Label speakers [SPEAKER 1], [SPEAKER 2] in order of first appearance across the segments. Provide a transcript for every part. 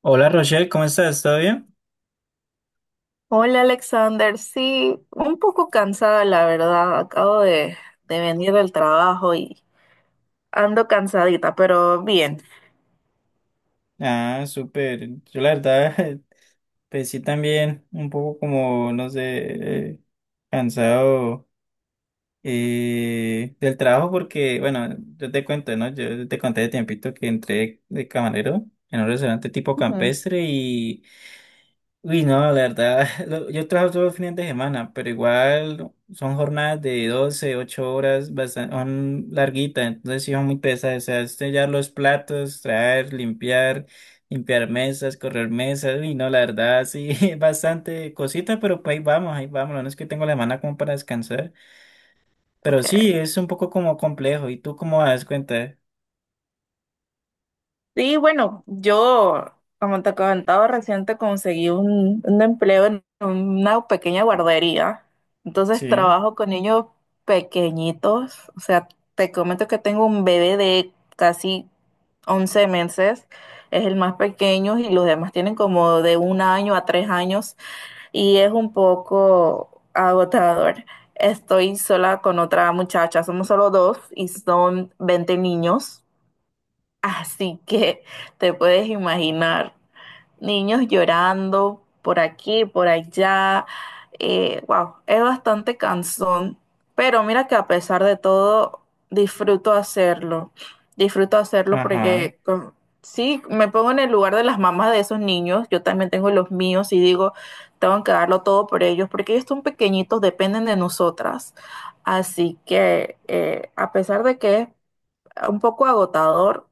[SPEAKER 1] Hola Rochelle, ¿cómo estás? ¿Todo bien?
[SPEAKER 2] Hola Alexander, sí, un poco cansada la verdad, acabo de venir del trabajo y ando cansadita, pero bien.
[SPEAKER 1] Ah, súper. Yo la verdad, pues sí también, un poco como, no sé, cansado del trabajo porque, bueno, yo te cuento, ¿no? Yo te conté de tiempito que entré de camarero en un restaurante tipo
[SPEAKER 2] Ujú.
[SPEAKER 1] campestre y. Uy, no, la verdad, yo trabajo todos los fines de semana, pero igual son jornadas de 12 8 horas, bastante, son larguitas, entonces sí son muy pesadas, o sea, es sellar los platos, traer, limpiar, limpiar mesas, correr mesas, uy, no, la verdad, sí, es bastante cosita, pero pues ahí vamos, no es que tengo la semana como para descansar, pero
[SPEAKER 2] Ok.
[SPEAKER 1] sí, es un poco como complejo, ¿y tú cómo das cuenta?
[SPEAKER 2] Sí, bueno, yo, como te comentaba, reciente conseguí un empleo en una pequeña guardería, entonces
[SPEAKER 1] Sí,
[SPEAKER 2] trabajo con niños pequeñitos. O sea, te comento que tengo un bebé de casi 11 meses, es el más pequeño, y los demás tienen como de 1 año a 3 años. Y es un poco agotador. Estoy sola con otra muchacha, somos solo dos y son 20 niños, así que te puedes imaginar, niños llorando por aquí, por allá. Wow, es bastante cansón, pero mira que, a pesar de todo, disfruto hacerlo. Disfruto hacerlo
[SPEAKER 1] ajá.
[SPEAKER 2] sí, me pongo en el lugar de las mamás de esos niños. Yo también tengo los míos y digo, tengo que darlo todo por ellos porque ellos son pequeñitos, dependen de nosotras. Así que, a pesar de que es un poco agotador,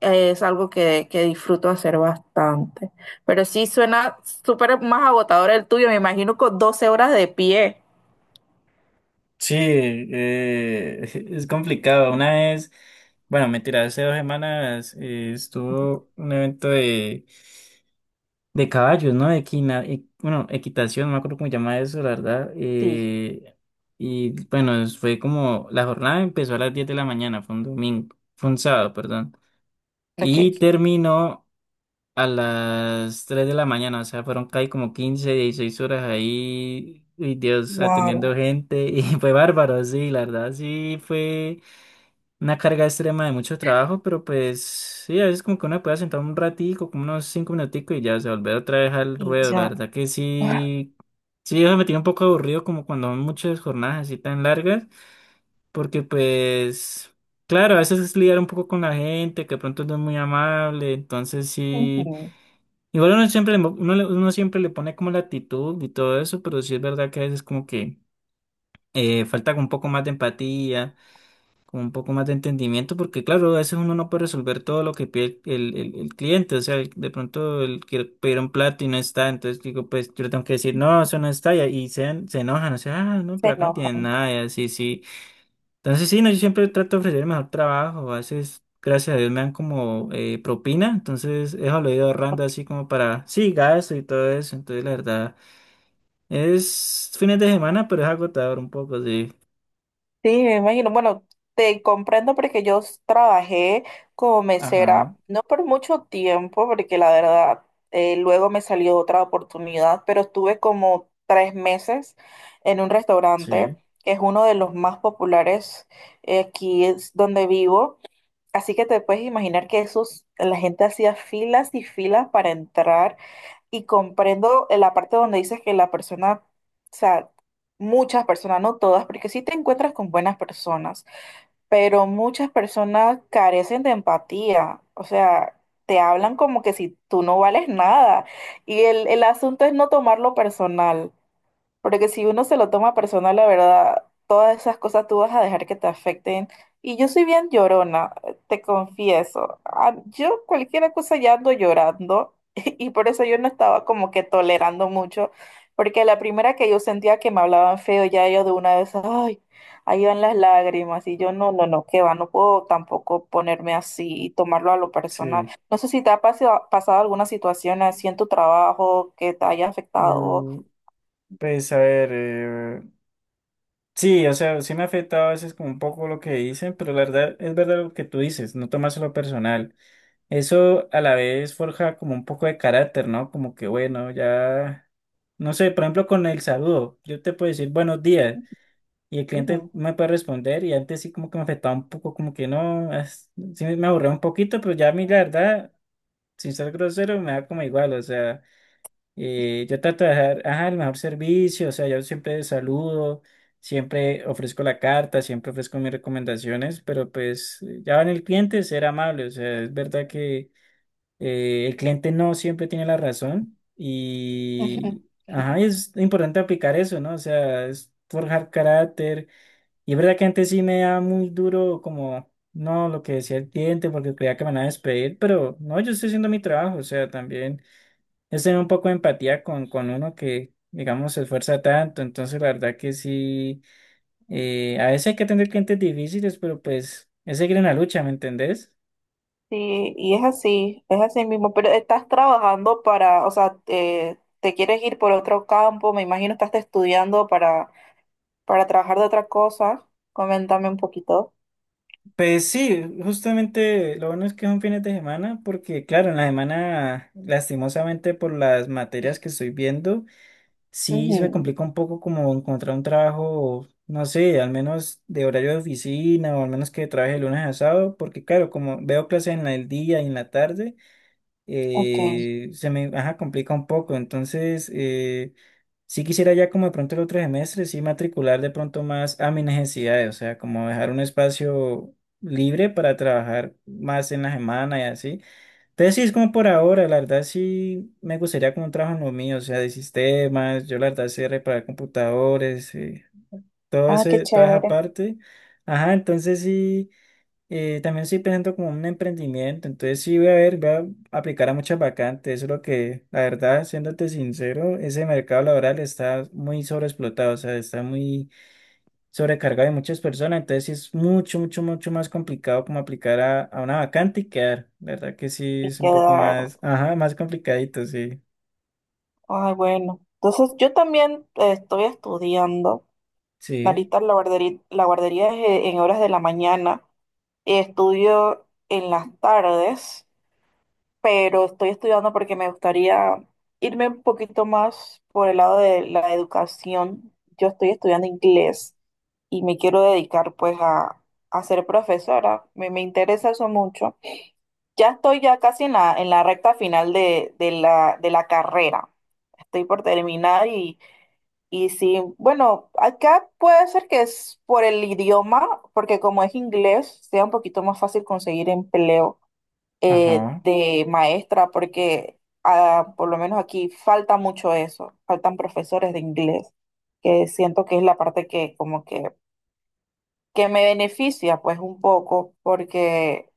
[SPEAKER 2] es algo que disfruto hacer bastante. Pero sí suena súper más agotador el tuyo, me imagino con 12 horas de pie.
[SPEAKER 1] Sí, es complicado. Una vez, bueno, mentira, hace 2 semanas estuvo un evento de caballos, ¿no? De bueno, equitación, no me acuerdo cómo se llama eso, la verdad.
[SPEAKER 2] Sí,
[SPEAKER 1] Y bueno, fue como, la jornada empezó a las 10 de la mañana, fue un domingo, fue un sábado, perdón.
[SPEAKER 2] lo que...
[SPEAKER 1] Y terminó a las 3 de la mañana, o sea, fueron casi como 15 16 horas ahí, y Dios, atendiendo
[SPEAKER 2] Wow.
[SPEAKER 1] gente, y fue bárbaro, sí, la verdad, sí, fue una carga extrema de mucho trabajo, pero pues, sí, a veces como que uno puede sentar un ratico, como unos 5 minuticos, y ya, o sea volver otra vez al
[SPEAKER 2] Y
[SPEAKER 1] ruedo, la
[SPEAKER 2] ya.
[SPEAKER 1] verdad que sí, sí, eso me tiene un poco aburrido, como cuando son muchas jornadas así tan largas, porque pues... Claro, a veces es lidiar un poco con la gente, que de pronto no es muy amable, entonces sí,
[SPEAKER 2] Ujú.
[SPEAKER 1] igual uno siempre, le mo- uno, le- uno siempre le pone como la actitud y todo eso, pero sí es verdad que a veces como que falta como un poco más de empatía, como un poco más de entendimiento, porque claro, a veces uno no puede resolver todo lo que pide el cliente, o sea, el- de pronto él quiere pedir un plato y no está, entonces digo, pues yo le tengo que decir, no, eso no está, y se enojan, o sea, ah, no,
[SPEAKER 2] Se
[SPEAKER 1] pero acá no
[SPEAKER 2] enoja.
[SPEAKER 1] tienen nada, y así, sí. Entonces sí, no, yo siempre trato de ofrecer el mejor trabajo. A veces, gracias a Dios, me dan como propina. Entonces eso lo he ido ahorrando así como para, sí, gasto y todo eso. Entonces la verdad, es fines de semana, pero es agotador un poco, sí.
[SPEAKER 2] Sí, me imagino. Bueno, te comprendo porque trabajé como mesera,
[SPEAKER 1] Ajá,
[SPEAKER 2] no por mucho tiempo, porque la verdad, luego me salió otra oportunidad, pero estuve como 3 meses en un restaurante
[SPEAKER 1] sí,
[SPEAKER 2] que es uno de los más populares, aquí es donde vivo. Así que te puedes imaginar que esos, la gente hacía filas y filas para entrar. Y comprendo la parte donde dices que la persona, o sea, muchas personas, no todas, porque sí te encuentras con buenas personas, pero muchas personas carecen de empatía. O sea, te hablan como que si tú no vales nada, y el asunto es no tomarlo personal. Porque si uno se lo toma personal, la verdad, todas esas cosas tú vas a dejar que te afecten. Y yo soy bien llorona, te confieso. Ah, yo cualquier cosa ya ando llorando y por eso yo no estaba como que tolerando mucho, porque la primera que yo sentía que me hablaban feo, ya yo de una vez, ay, ahí van las lágrimas, y yo no, no, no, qué va, no puedo tampoco ponerme así y tomarlo a lo personal.
[SPEAKER 1] sí.
[SPEAKER 2] No sé si te ha pasado, pasado alguna situación así en tu trabajo que te haya afectado.
[SPEAKER 1] Mm, pues a ver, sí, o sea, sí me ha afectado a veces como un poco lo que dicen, pero la verdad es verdad lo que tú dices, no tomárselo personal. Eso a la vez forja como un poco de carácter, ¿no? Como que bueno, ya, no sé, por ejemplo con el saludo, yo te puedo decir buenos días y el cliente
[SPEAKER 2] Ujú.
[SPEAKER 1] me puede responder y antes sí como que me afectaba un poco, como que no, sí me aburría un poquito, pero ya a mí la verdad, sin ser grosero, me da como igual, o sea, yo trato de dejar, ajá, el mejor servicio, o sea, yo siempre saludo, siempre ofrezco la carta, siempre ofrezco mis recomendaciones, pero pues ya va en el cliente ser amable, o sea, es verdad que el cliente no siempre tiene la razón
[SPEAKER 2] Ujú.
[SPEAKER 1] y ajá, es importante aplicar eso, ¿no? O sea, es forjar carácter. Y es verdad que antes sí me da muy duro como, no, lo que decía el cliente porque creía que me van a despedir, pero no, yo estoy haciendo mi trabajo, o sea, también es tener un poco de empatía con uno que, digamos, se esfuerza tanto, entonces la verdad que sí, a veces hay que atender clientes difíciles, pero pues es seguir en la lucha, ¿me entendés?
[SPEAKER 2] Sí, y es así mismo, pero estás trabajando para, o sea, te quieres ir por otro campo, me imagino estás estudiando para trabajar de otra cosa, coméntame un poquito.
[SPEAKER 1] Pues sí, justamente lo bueno es que son fines de semana, porque claro, en la semana, lastimosamente por las materias que estoy viendo, sí se me
[SPEAKER 2] Ujú.
[SPEAKER 1] complica un poco como encontrar un trabajo, no sé, al menos de horario de oficina o al menos que trabaje de lunes a sábado, porque claro, como veo clases en el día y en la tarde
[SPEAKER 2] Ok.
[SPEAKER 1] se me ajá, complica un poco. Entonces, sí quisiera ya como de pronto el otro semestre, sí matricular de pronto más a mis necesidades, o sea, como dejar un espacio libre para trabajar más en la semana y así. Entonces, sí, es como por ahora, la verdad sí me gustaría como un trabajo en lo mío, o sea, de sistemas, yo la verdad sé reparar computadores, todo
[SPEAKER 2] Ah, qué
[SPEAKER 1] ese, toda esa
[SPEAKER 2] chévere.
[SPEAKER 1] parte. Ajá, entonces sí. También estoy pensando como un emprendimiento, entonces sí voy a ver, voy a aplicar a muchas vacantes, eso es lo que, la verdad, siéndote sincero, ese mercado laboral está muy sobreexplotado, o sea, está muy sobrecargado de muchas personas, entonces sí es mucho, mucho, mucho más complicado como aplicar a una vacante y quedar, la verdad que sí
[SPEAKER 2] Y
[SPEAKER 1] es un poco
[SPEAKER 2] quedar,
[SPEAKER 1] más, ajá, más complicadito, sí,
[SPEAKER 2] ay, bueno, entonces yo también, estoy estudiando,
[SPEAKER 1] sí,
[SPEAKER 2] ahorita la guardería es, en horas de la mañana, y estudio en las tardes, pero estoy estudiando porque me gustaría irme un poquito más por el lado de la educación. Yo estoy estudiando inglés y me quiero dedicar pues a ser profesora. Me interesa eso mucho. Ya estoy ya casi en la recta final de la carrera. Estoy por terminar, y sí, bueno, acá puede ser que es por el idioma, porque como es inglés, sea un poquito más fácil conseguir empleo,
[SPEAKER 1] ajá,
[SPEAKER 2] de maestra, porque, ah, por lo menos aquí falta mucho eso, faltan profesores de inglés, que siento que es la parte que como que me beneficia pues un poco, porque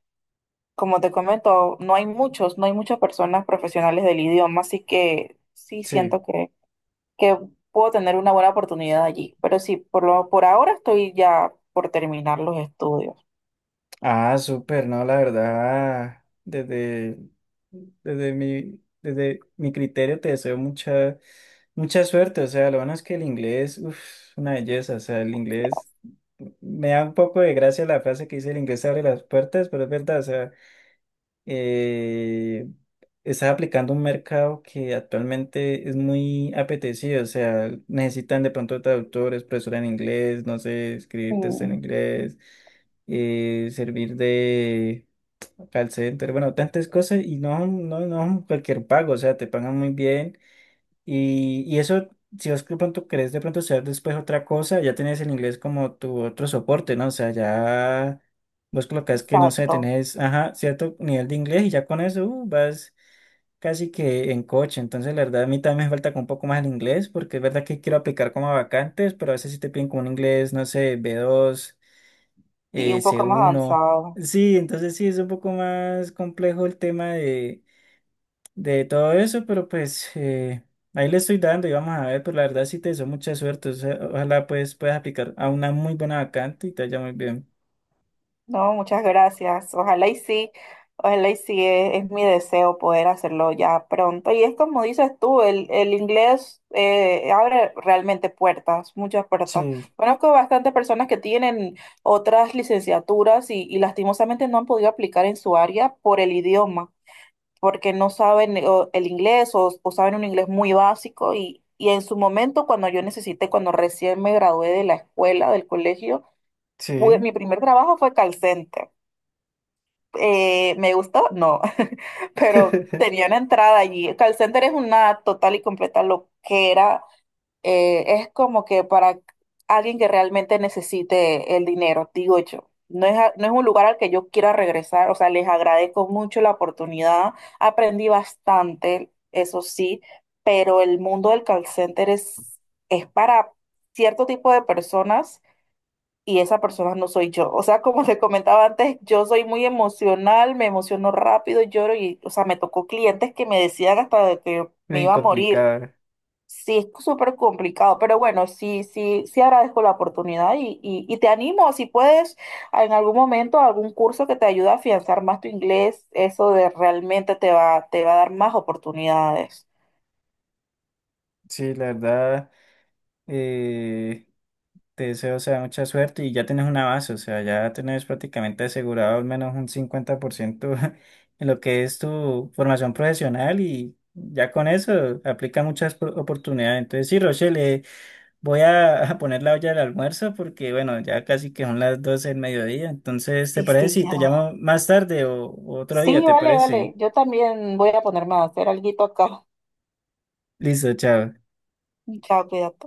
[SPEAKER 2] como te comento, no hay muchos, no hay muchas personas profesionales del idioma, así que sí
[SPEAKER 1] sí.
[SPEAKER 2] siento que puedo tener una buena oportunidad allí. Pero sí, por lo, por ahora estoy ya por terminar los estudios.
[SPEAKER 1] Ah, súper, no, la verdad, desde mi criterio te deseo mucha, mucha suerte, o sea, lo bueno es que el inglés, uff, una belleza, o sea, el inglés, me da un poco de gracia la frase que dice el inglés abre las puertas, pero es verdad, o sea, eh, estás aplicando un mercado que actualmente es muy apetecido, o sea, necesitan de pronto traductores, profesora en inglés, no sé, escribir test en
[SPEAKER 2] Mm.
[SPEAKER 1] inglés, servir de call center, bueno, tantas cosas y no cualquier pago, o sea, te pagan muy bien. Y eso, si vos de pronto querés de pronto estudiar después otra cosa, ya tenés el inglés como tu otro soporte, ¿no? O sea, ya vos colocas que, no sé,
[SPEAKER 2] Exacto,
[SPEAKER 1] tenés, ajá, cierto nivel de inglés y ya con eso vas casi que en coche. Entonces, la verdad, a mí también me falta como un poco más el inglés, porque es verdad que quiero aplicar como a vacantes, pero a veces sí te piden como un inglés, no sé, B2
[SPEAKER 2] y un
[SPEAKER 1] c
[SPEAKER 2] poco más
[SPEAKER 1] uno
[SPEAKER 2] avanzado.
[SPEAKER 1] Sí, entonces sí, es un poco más complejo el tema de todo eso, pero pues ahí le estoy dando y vamos a ver, pero la verdad sí te deseo mucha suerte, o sea, ojalá pues puedas aplicar a una muy buena vacante y te vaya muy bien.
[SPEAKER 2] No, muchas gracias. Ojalá y sí, es mi deseo poder hacerlo ya pronto. Y es como dices tú, el inglés, abre realmente puertas, muchas puertas.
[SPEAKER 1] Sí,
[SPEAKER 2] Conozco bastantes personas que tienen otras licenciaturas y lastimosamente no han podido aplicar en su área por el idioma, porque no saben o, el inglés o saben un inglés muy básico. Y en su momento, cuando yo necesité, cuando recién me gradué de la escuela, del colegio,
[SPEAKER 1] sí.
[SPEAKER 2] mi primer trabajo fue calcente. ¿Me gustó? No, pero tenía una entrada allí. Call center es una total y completa loquera. Es como que para alguien que realmente necesite el dinero, digo yo. No es un lugar al que yo quiera regresar, o sea, les agradezco mucho la oportunidad. Aprendí bastante, eso sí, pero el mundo del call center es para cierto tipo de personas, y esa persona no soy yo. O sea, como te comentaba antes, yo soy muy emocional, me emociono rápido, lloro y, o sea, me tocó clientes que me decían hasta de que me
[SPEAKER 1] Muy
[SPEAKER 2] iba a morir.
[SPEAKER 1] complicado.
[SPEAKER 2] Sí, es súper complicado, pero bueno, sí, sí, sí agradezco la oportunidad, y te animo, si puedes, en algún momento, a algún curso que te ayude a afianzar más tu inglés, eso de realmente te va a dar más oportunidades.
[SPEAKER 1] Sí, la verdad, eh, te deseo, o sea, mucha suerte y ya tienes una base, o sea, ya tienes prácticamente asegurado al menos un 50% en lo que es tu formación profesional y ya con eso aplica muchas oportunidades. Entonces, sí, Rochelle, voy a, a poner la olla del almuerzo porque, bueno, ya casi que son las 12 del mediodía. Entonces, ¿te
[SPEAKER 2] Sí,
[SPEAKER 1] parece
[SPEAKER 2] sí,
[SPEAKER 1] si
[SPEAKER 2] ya.
[SPEAKER 1] te llamo más tarde o otro día?
[SPEAKER 2] Sí,
[SPEAKER 1] ¿Te
[SPEAKER 2] vale,
[SPEAKER 1] parece?
[SPEAKER 2] vale. Yo también voy a ponerme a hacer alguito acá.
[SPEAKER 1] Listo, chao.
[SPEAKER 2] Chao, cuídate.